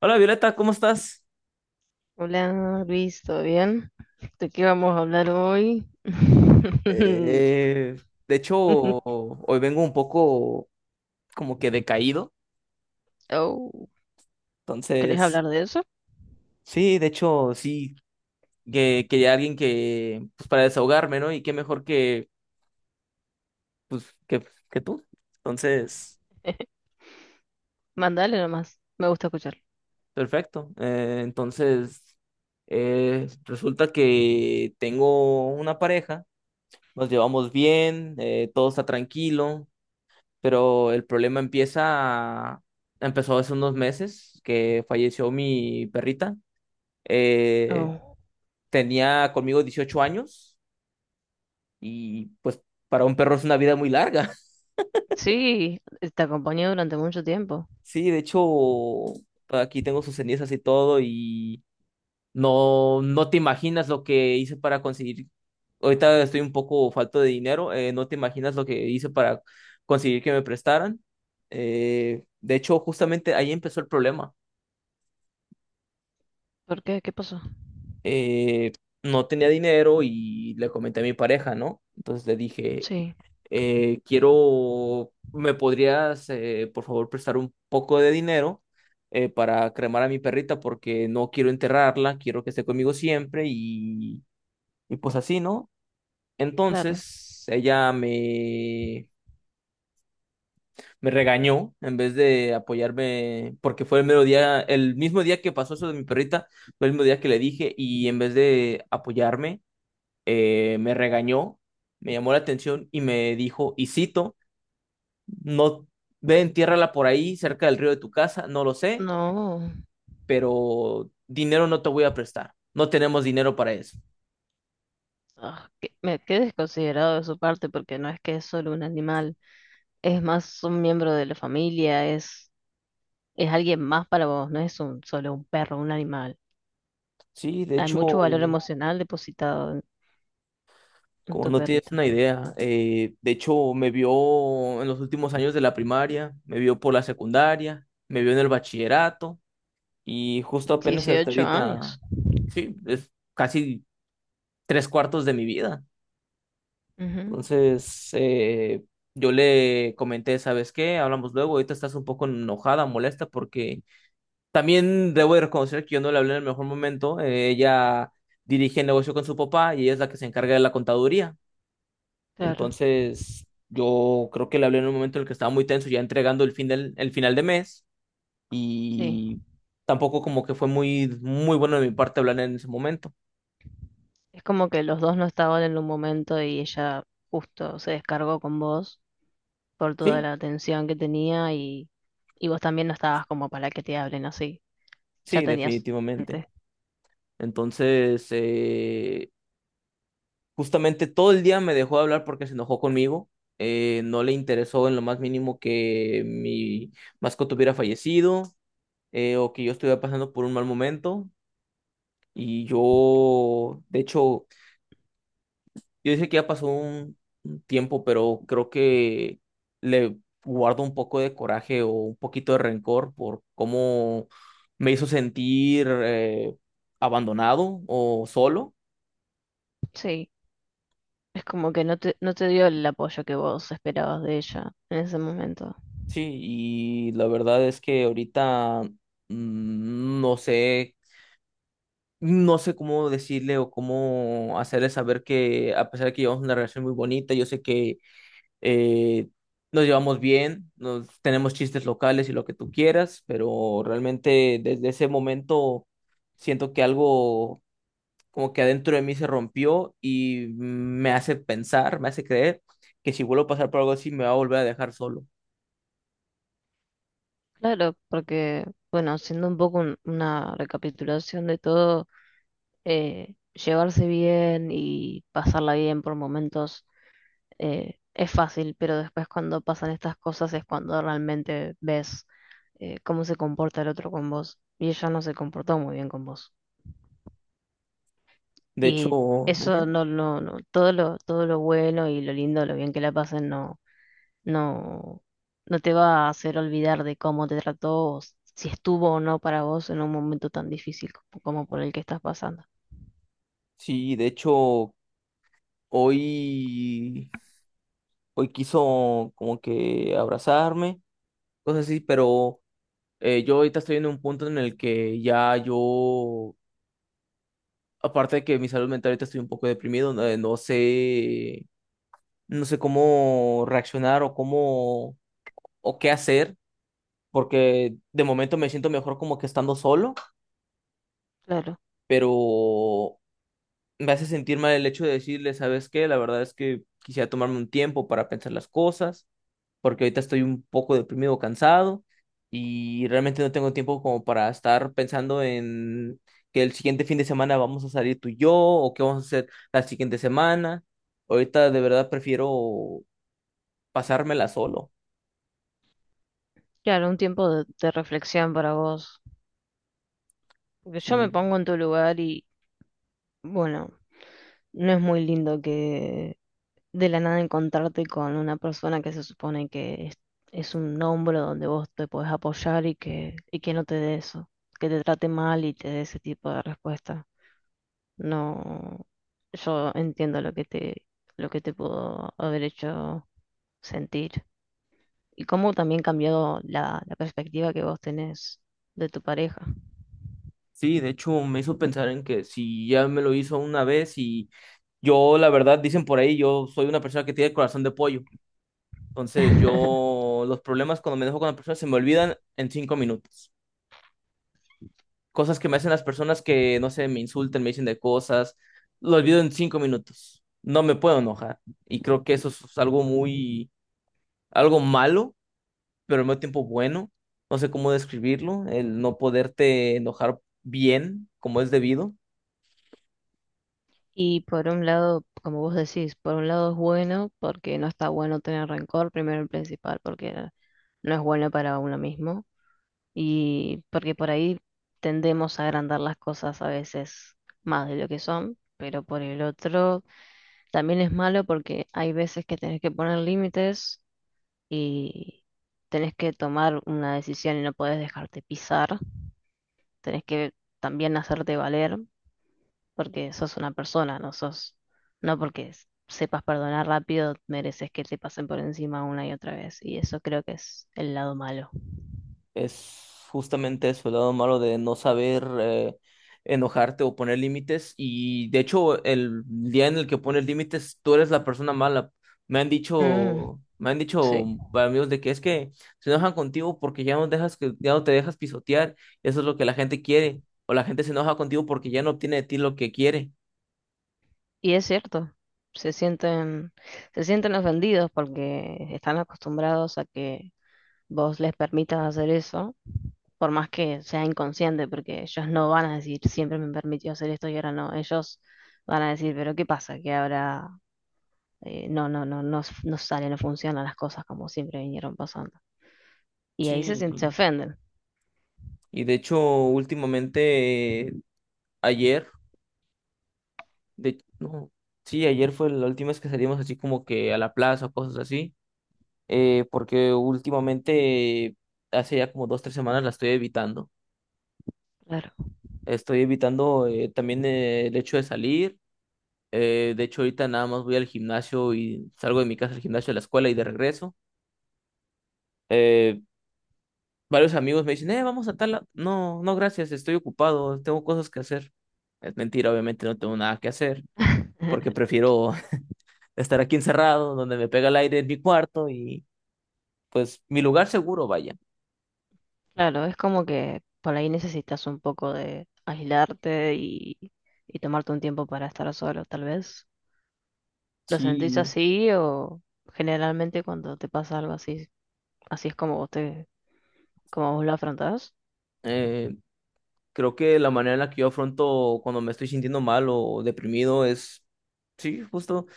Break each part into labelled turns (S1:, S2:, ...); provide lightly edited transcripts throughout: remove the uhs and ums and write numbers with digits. S1: Hola Violeta, ¿cómo estás?
S2: Hola Luis, ¿todo bien? ¿De qué vamos a hablar hoy?
S1: De hecho, hoy vengo un poco como que decaído.
S2: Oh, ¿querés
S1: Entonces,
S2: hablar de eso?
S1: sí, de hecho, sí, que quería alguien que, pues para desahogarme, ¿no? Y qué mejor que, pues, que tú. Entonces,
S2: Mandale nomás, me gusta escuchar.
S1: perfecto. Resulta que tengo una pareja, nos llevamos bien, todo está tranquilo, pero el problema empezó hace unos meses que falleció mi perrita. Eh,
S2: Oh,
S1: Tenía conmigo 18 años y pues para un perro es una vida muy larga.
S2: sí, te acompañé durante mucho tiempo.
S1: Sí, de hecho, aquí tengo sus cenizas y todo y no te imaginas lo que hice para conseguir. Ahorita estoy un poco falto de dinero, no te imaginas lo que hice para conseguir que me prestaran. De hecho, justamente ahí empezó el problema.
S2: ¿Por qué? ¿Qué pasó?
S1: eh, no tenía dinero y le comenté a mi pareja, ¿no? Entonces le dije,
S2: Sí,
S1: quiero, ¿me podrías, por favor, prestar un poco de dinero, para cremar a mi perrita porque no quiero enterrarla, quiero que esté conmigo siempre y pues así, ¿no?
S2: claro.
S1: Entonces ella me... Me regañó en vez de apoyarme, porque fue el mero día, el mismo día que pasó eso de mi perrita, fue el mismo día que le dije, y en vez de apoyarme, me regañó, me llamó la atención y me dijo, y cito, no ve, entiérrala por ahí, cerca del río de tu casa, no lo sé,
S2: No,
S1: pero dinero no te voy a prestar, no tenemos dinero para eso.
S2: ah, me quedé desconsiderado de su parte porque no es que es solo un animal, es más un miembro de la familia, es alguien más para vos, no es solo un perro, un animal.
S1: Sí, de
S2: Hay
S1: hecho,
S2: mucho valor emocional depositado
S1: como
S2: tu
S1: no tienes
S2: perrito.
S1: una idea, de hecho me vio en los últimos años de la primaria, me vio por la secundaria, me vio en el bachillerato y justo apenas hasta
S2: dieciocho
S1: ahorita,
S2: años.
S1: sí, es casi tres cuartos de mi vida.
S2: Ujú,
S1: Entonces, yo le comenté, ¿sabes qué? Hablamos luego, ahorita estás un poco enojada, molesta, porque también debo de reconocer que yo no le hablé en el mejor momento. Ella dirige el negocio con su papá y ella es la que se encarga de la contaduría.
S2: claro,
S1: Entonces, yo creo que le hablé en un momento en el que estaba muy tenso, ya entregando el final de mes
S2: sí.
S1: y tampoco como que fue muy, muy bueno de mi parte hablar en ese momento.
S2: Es como que los dos no estaban en un momento y ella justo se descargó con vos por toda
S1: Sí,
S2: la atención que tenía y vos también no estabas como para que te hablen así. Ya
S1: sí,
S2: tenías
S1: definitivamente.
S2: antes.
S1: Entonces, justamente todo el día me dejó de hablar porque se enojó conmigo. No le interesó en lo más mínimo que mi mascota hubiera fallecido, o que yo estuviera pasando por un mal momento. Y yo, de hecho, yo dije que ya pasó un tiempo, pero creo que le guardo un poco de coraje o un poquito de rencor por cómo me hizo sentir, abandonado o solo.
S2: Sí, es como que no te dio el apoyo que vos esperabas de ella en ese momento.
S1: Sí, y la verdad es que ahorita, mm, no sé, no sé cómo decirle o cómo hacerle saber que a pesar de que llevamos una relación muy bonita, yo sé que, eh, nos llevamos bien, tenemos chistes locales y lo que tú quieras, pero realmente desde ese momento siento que algo como que adentro de mí se rompió y me hace pensar, me hace creer que si vuelvo a pasar por algo así me va a volver a dejar solo.
S2: Claro, porque, bueno, haciendo un poco una recapitulación de todo, llevarse bien y pasarla bien por momentos es fácil, pero después cuando pasan estas cosas es cuando realmente ves cómo se comporta el otro con vos. Y ella no se comportó muy bien con vos.
S1: De hecho,
S2: Y eso
S1: ujú.
S2: no, todo lo bueno y lo lindo, lo bien que la pasen, no. No, no te va a hacer olvidar de cómo te trató, o si estuvo o no para vos en un momento tan difícil como por el que estás pasando.
S1: Sí, de hecho, hoy, hoy quiso como que abrazarme, cosas así, pero yo ahorita estoy en un punto en el que ya yo, aparte de que mi salud mental ahorita estoy un poco deprimido, no, no sé cómo reaccionar o qué hacer, porque de momento me siento mejor como que estando solo,
S2: Claro,
S1: pero me hace sentir mal el hecho de decirle, ¿sabes qué? La verdad es que quisiera tomarme un tiempo para pensar las cosas porque ahorita estoy un poco deprimido, o cansado y realmente no tengo tiempo como para estar pensando en que el siguiente fin de semana vamos a salir tú y yo o qué vamos a hacer la siguiente semana. Ahorita de verdad prefiero pasármela solo.
S2: claro, un tiempo de reflexión para vos. Porque yo me
S1: Sí,
S2: pongo en tu lugar y bueno, no es muy lindo que de la nada encontrarte con una persona que se supone que es un hombro donde vos te podés apoyar y que no te dé eso, que te trate mal y te dé ese tipo de respuesta. No, yo entiendo lo que te pudo haber hecho sentir y cómo también cambiado la perspectiva que vos tenés de tu pareja.
S1: sí, de hecho me hizo pensar en que si ya me lo hizo una vez y yo, la verdad, dicen por ahí, yo soy una persona que tiene el corazón de pollo. Entonces yo los problemas cuando me dejo con la persona se me olvidan en 5 minutos. Cosas que me hacen las personas que, no sé, me insultan, me dicen de cosas, lo olvido en 5 minutos. No me puedo enojar. Y creo que eso es algo muy, algo malo, pero al mismo tiempo bueno. No sé cómo describirlo, el no poderte enojar bien como es debido.
S2: Y por un lado, como vos decís, por un lado es bueno porque no está bueno tener rencor, primero y principal, porque no es bueno para uno mismo y porque por ahí tendemos a agrandar las cosas a veces más de lo que son, pero por el otro también es malo porque hay veces que tenés que poner límites y tenés que tomar una decisión y no podés dejarte pisar, tenés que también hacerte valer porque sos una persona, no sos, no porque sepas perdonar rápido, mereces que te pasen por encima una y otra vez. Y eso creo que es el lado malo.
S1: Es justamente eso, el lado malo de no saber, enojarte o poner límites. Y de hecho, el día en el que pones límites, tú eres la persona mala. Me han
S2: Mm,
S1: dicho, me han
S2: sí,
S1: dicho amigos de que es que se enojan contigo porque ya no te dejas pisotear. Eso es lo que la gente quiere. O la gente se enoja contigo porque ya no obtiene de ti lo que quiere.
S2: y es cierto, se sienten, se sienten ofendidos porque están acostumbrados a que vos les permitas hacer eso, por más que sea inconsciente, porque ellos no van a decir siempre me permitió hacer esto y ahora no, ellos van a decir, pero ¿qué pasa? Que ahora no sale, no funcionan las cosas como siempre vinieron pasando. Y ahí
S1: Sí.
S2: se ofenden.
S1: Y de hecho, últimamente, ayer, no, sí, ayer fue la última vez que salimos así como que a la plaza o cosas así. Porque últimamente, hace ya como dos, tres semanas la estoy evitando.
S2: Claro.
S1: Estoy evitando, también, el hecho de salir. De hecho, ahorita nada más voy al gimnasio y salgo de mi casa al gimnasio, a la escuela y de regreso. Eh, Varios amigos me dicen, vamos a tal... No, no, gracias, estoy ocupado, tengo cosas que hacer. Es mentira, obviamente no tengo nada que hacer, porque prefiero estar aquí encerrado, donde me pega el aire en mi cuarto y pues mi lugar seguro, vaya.
S2: Claro, es como que por ahí necesitas un poco de aislarte y tomarte un tiempo para estar solo, tal vez. ¿Lo
S1: Sí,
S2: sentís así o generalmente cuando te pasa algo así, así es como vos lo afrontás?
S1: eh, Creo que la manera en la que yo afronto cuando me estoy sintiendo mal o deprimido es, sí, justo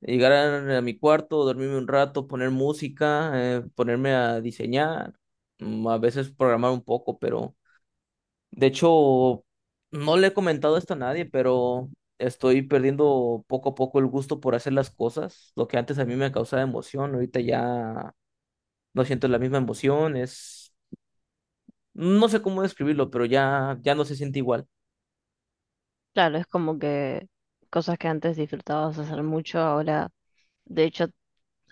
S1: llegar a mi cuarto, dormirme un rato, poner música, ponerme a diseñar, a veces programar un poco, pero de hecho no le he comentado esto a nadie, pero estoy perdiendo poco a poco el gusto por hacer las cosas. Lo que antes a mí me causaba emoción, ahorita ya no siento la misma emoción, no sé cómo describirlo, pero ya no se siente igual.
S2: Claro, es como que cosas que antes disfrutabas hacer mucho, ahora de hecho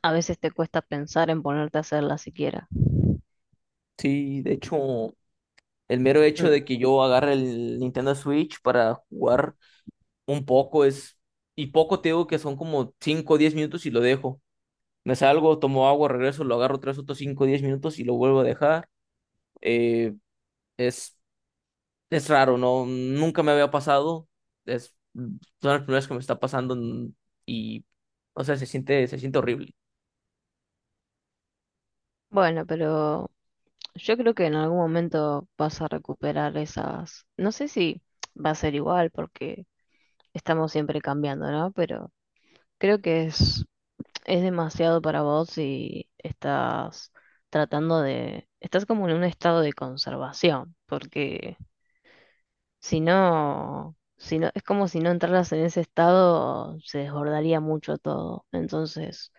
S2: a veces te cuesta pensar en ponerte a hacerlas siquiera.
S1: Sí, de hecho. El mero hecho
S2: Mm.
S1: de que yo agarre el Nintendo Switch para jugar un poco y poco te digo que son como 5 o 10 minutos y lo dejo. Me salgo, tomo agua, regreso, lo agarro tres otros 5 o 10 minutos y lo vuelvo a dejar. Eh, es, es raro, ¿no? Nunca me había pasado. Son las primeras que me está pasando, y, o sea, se siente horrible.
S2: Bueno, pero yo creo que en algún momento vas a recuperar esas. No sé si va a ser igual porque estamos siempre cambiando, ¿no? Pero creo que es, demasiado para vos y estás tratando de. Estás como en un estado de conservación, porque si no, si no, es como si no entraras en ese estado, se desbordaría mucho todo. Entonces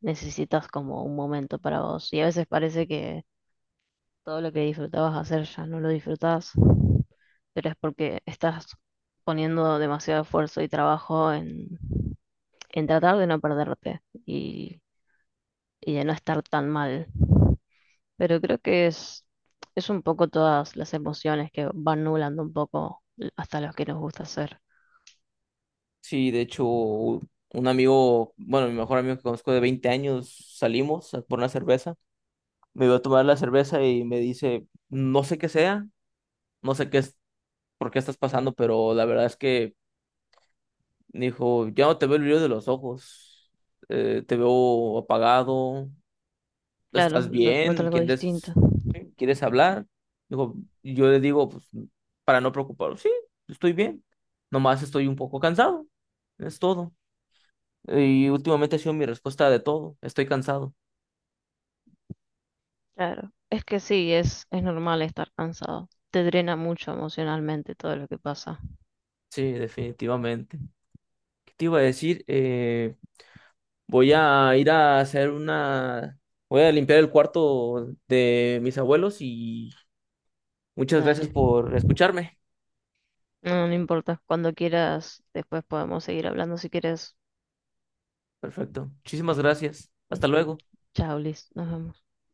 S2: necesitas como un momento para vos. Y a veces parece que todo lo que disfrutabas hacer ya no lo disfrutás. Pero es porque estás poniendo demasiado esfuerzo y trabajo en tratar de no perderte y, y de no estar tan mal. Pero creo que es, un poco todas las emociones que van nublando un poco hasta los que nos gusta hacer.
S1: Sí, de hecho, un amigo, bueno, mi mejor amigo que conozco de 20 años, salimos por una cerveza, me iba a tomar la cerveza y me dice, no sé qué sea, no sé qué es, por qué estás pasando, pero la verdad es que me dijo, ya no te veo el brillo de los ojos, te veo apagado,
S2: Claro,
S1: ¿estás
S2: noto
S1: bien?
S2: algo distinto.
S1: ¿Quieres, hablar? Dijo, yo le digo, pues, para no preocupar, sí, estoy bien, nomás estoy un poco cansado, es todo. Y últimamente ha sido mi respuesta de todo, estoy cansado.
S2: Claro, es que sí, es normal estar cansado. Te drena mucho emocionalmente todo lo que pasa.
S1: Sí, definitivamente. ¿Qué te iba a decir? Voy a ir a hacer una... Voy a limpiar el cuarto de mis abuelos y muchas gracias
S2: Dale.
S1: por escucharme.
S2: No, no importa. Cuando quieras, después podemos seguir hablando si quieres.
S1: Perfecto. Muchísimas gracias. Hasta luego.
S2: Chao, Liz. Nos vemos.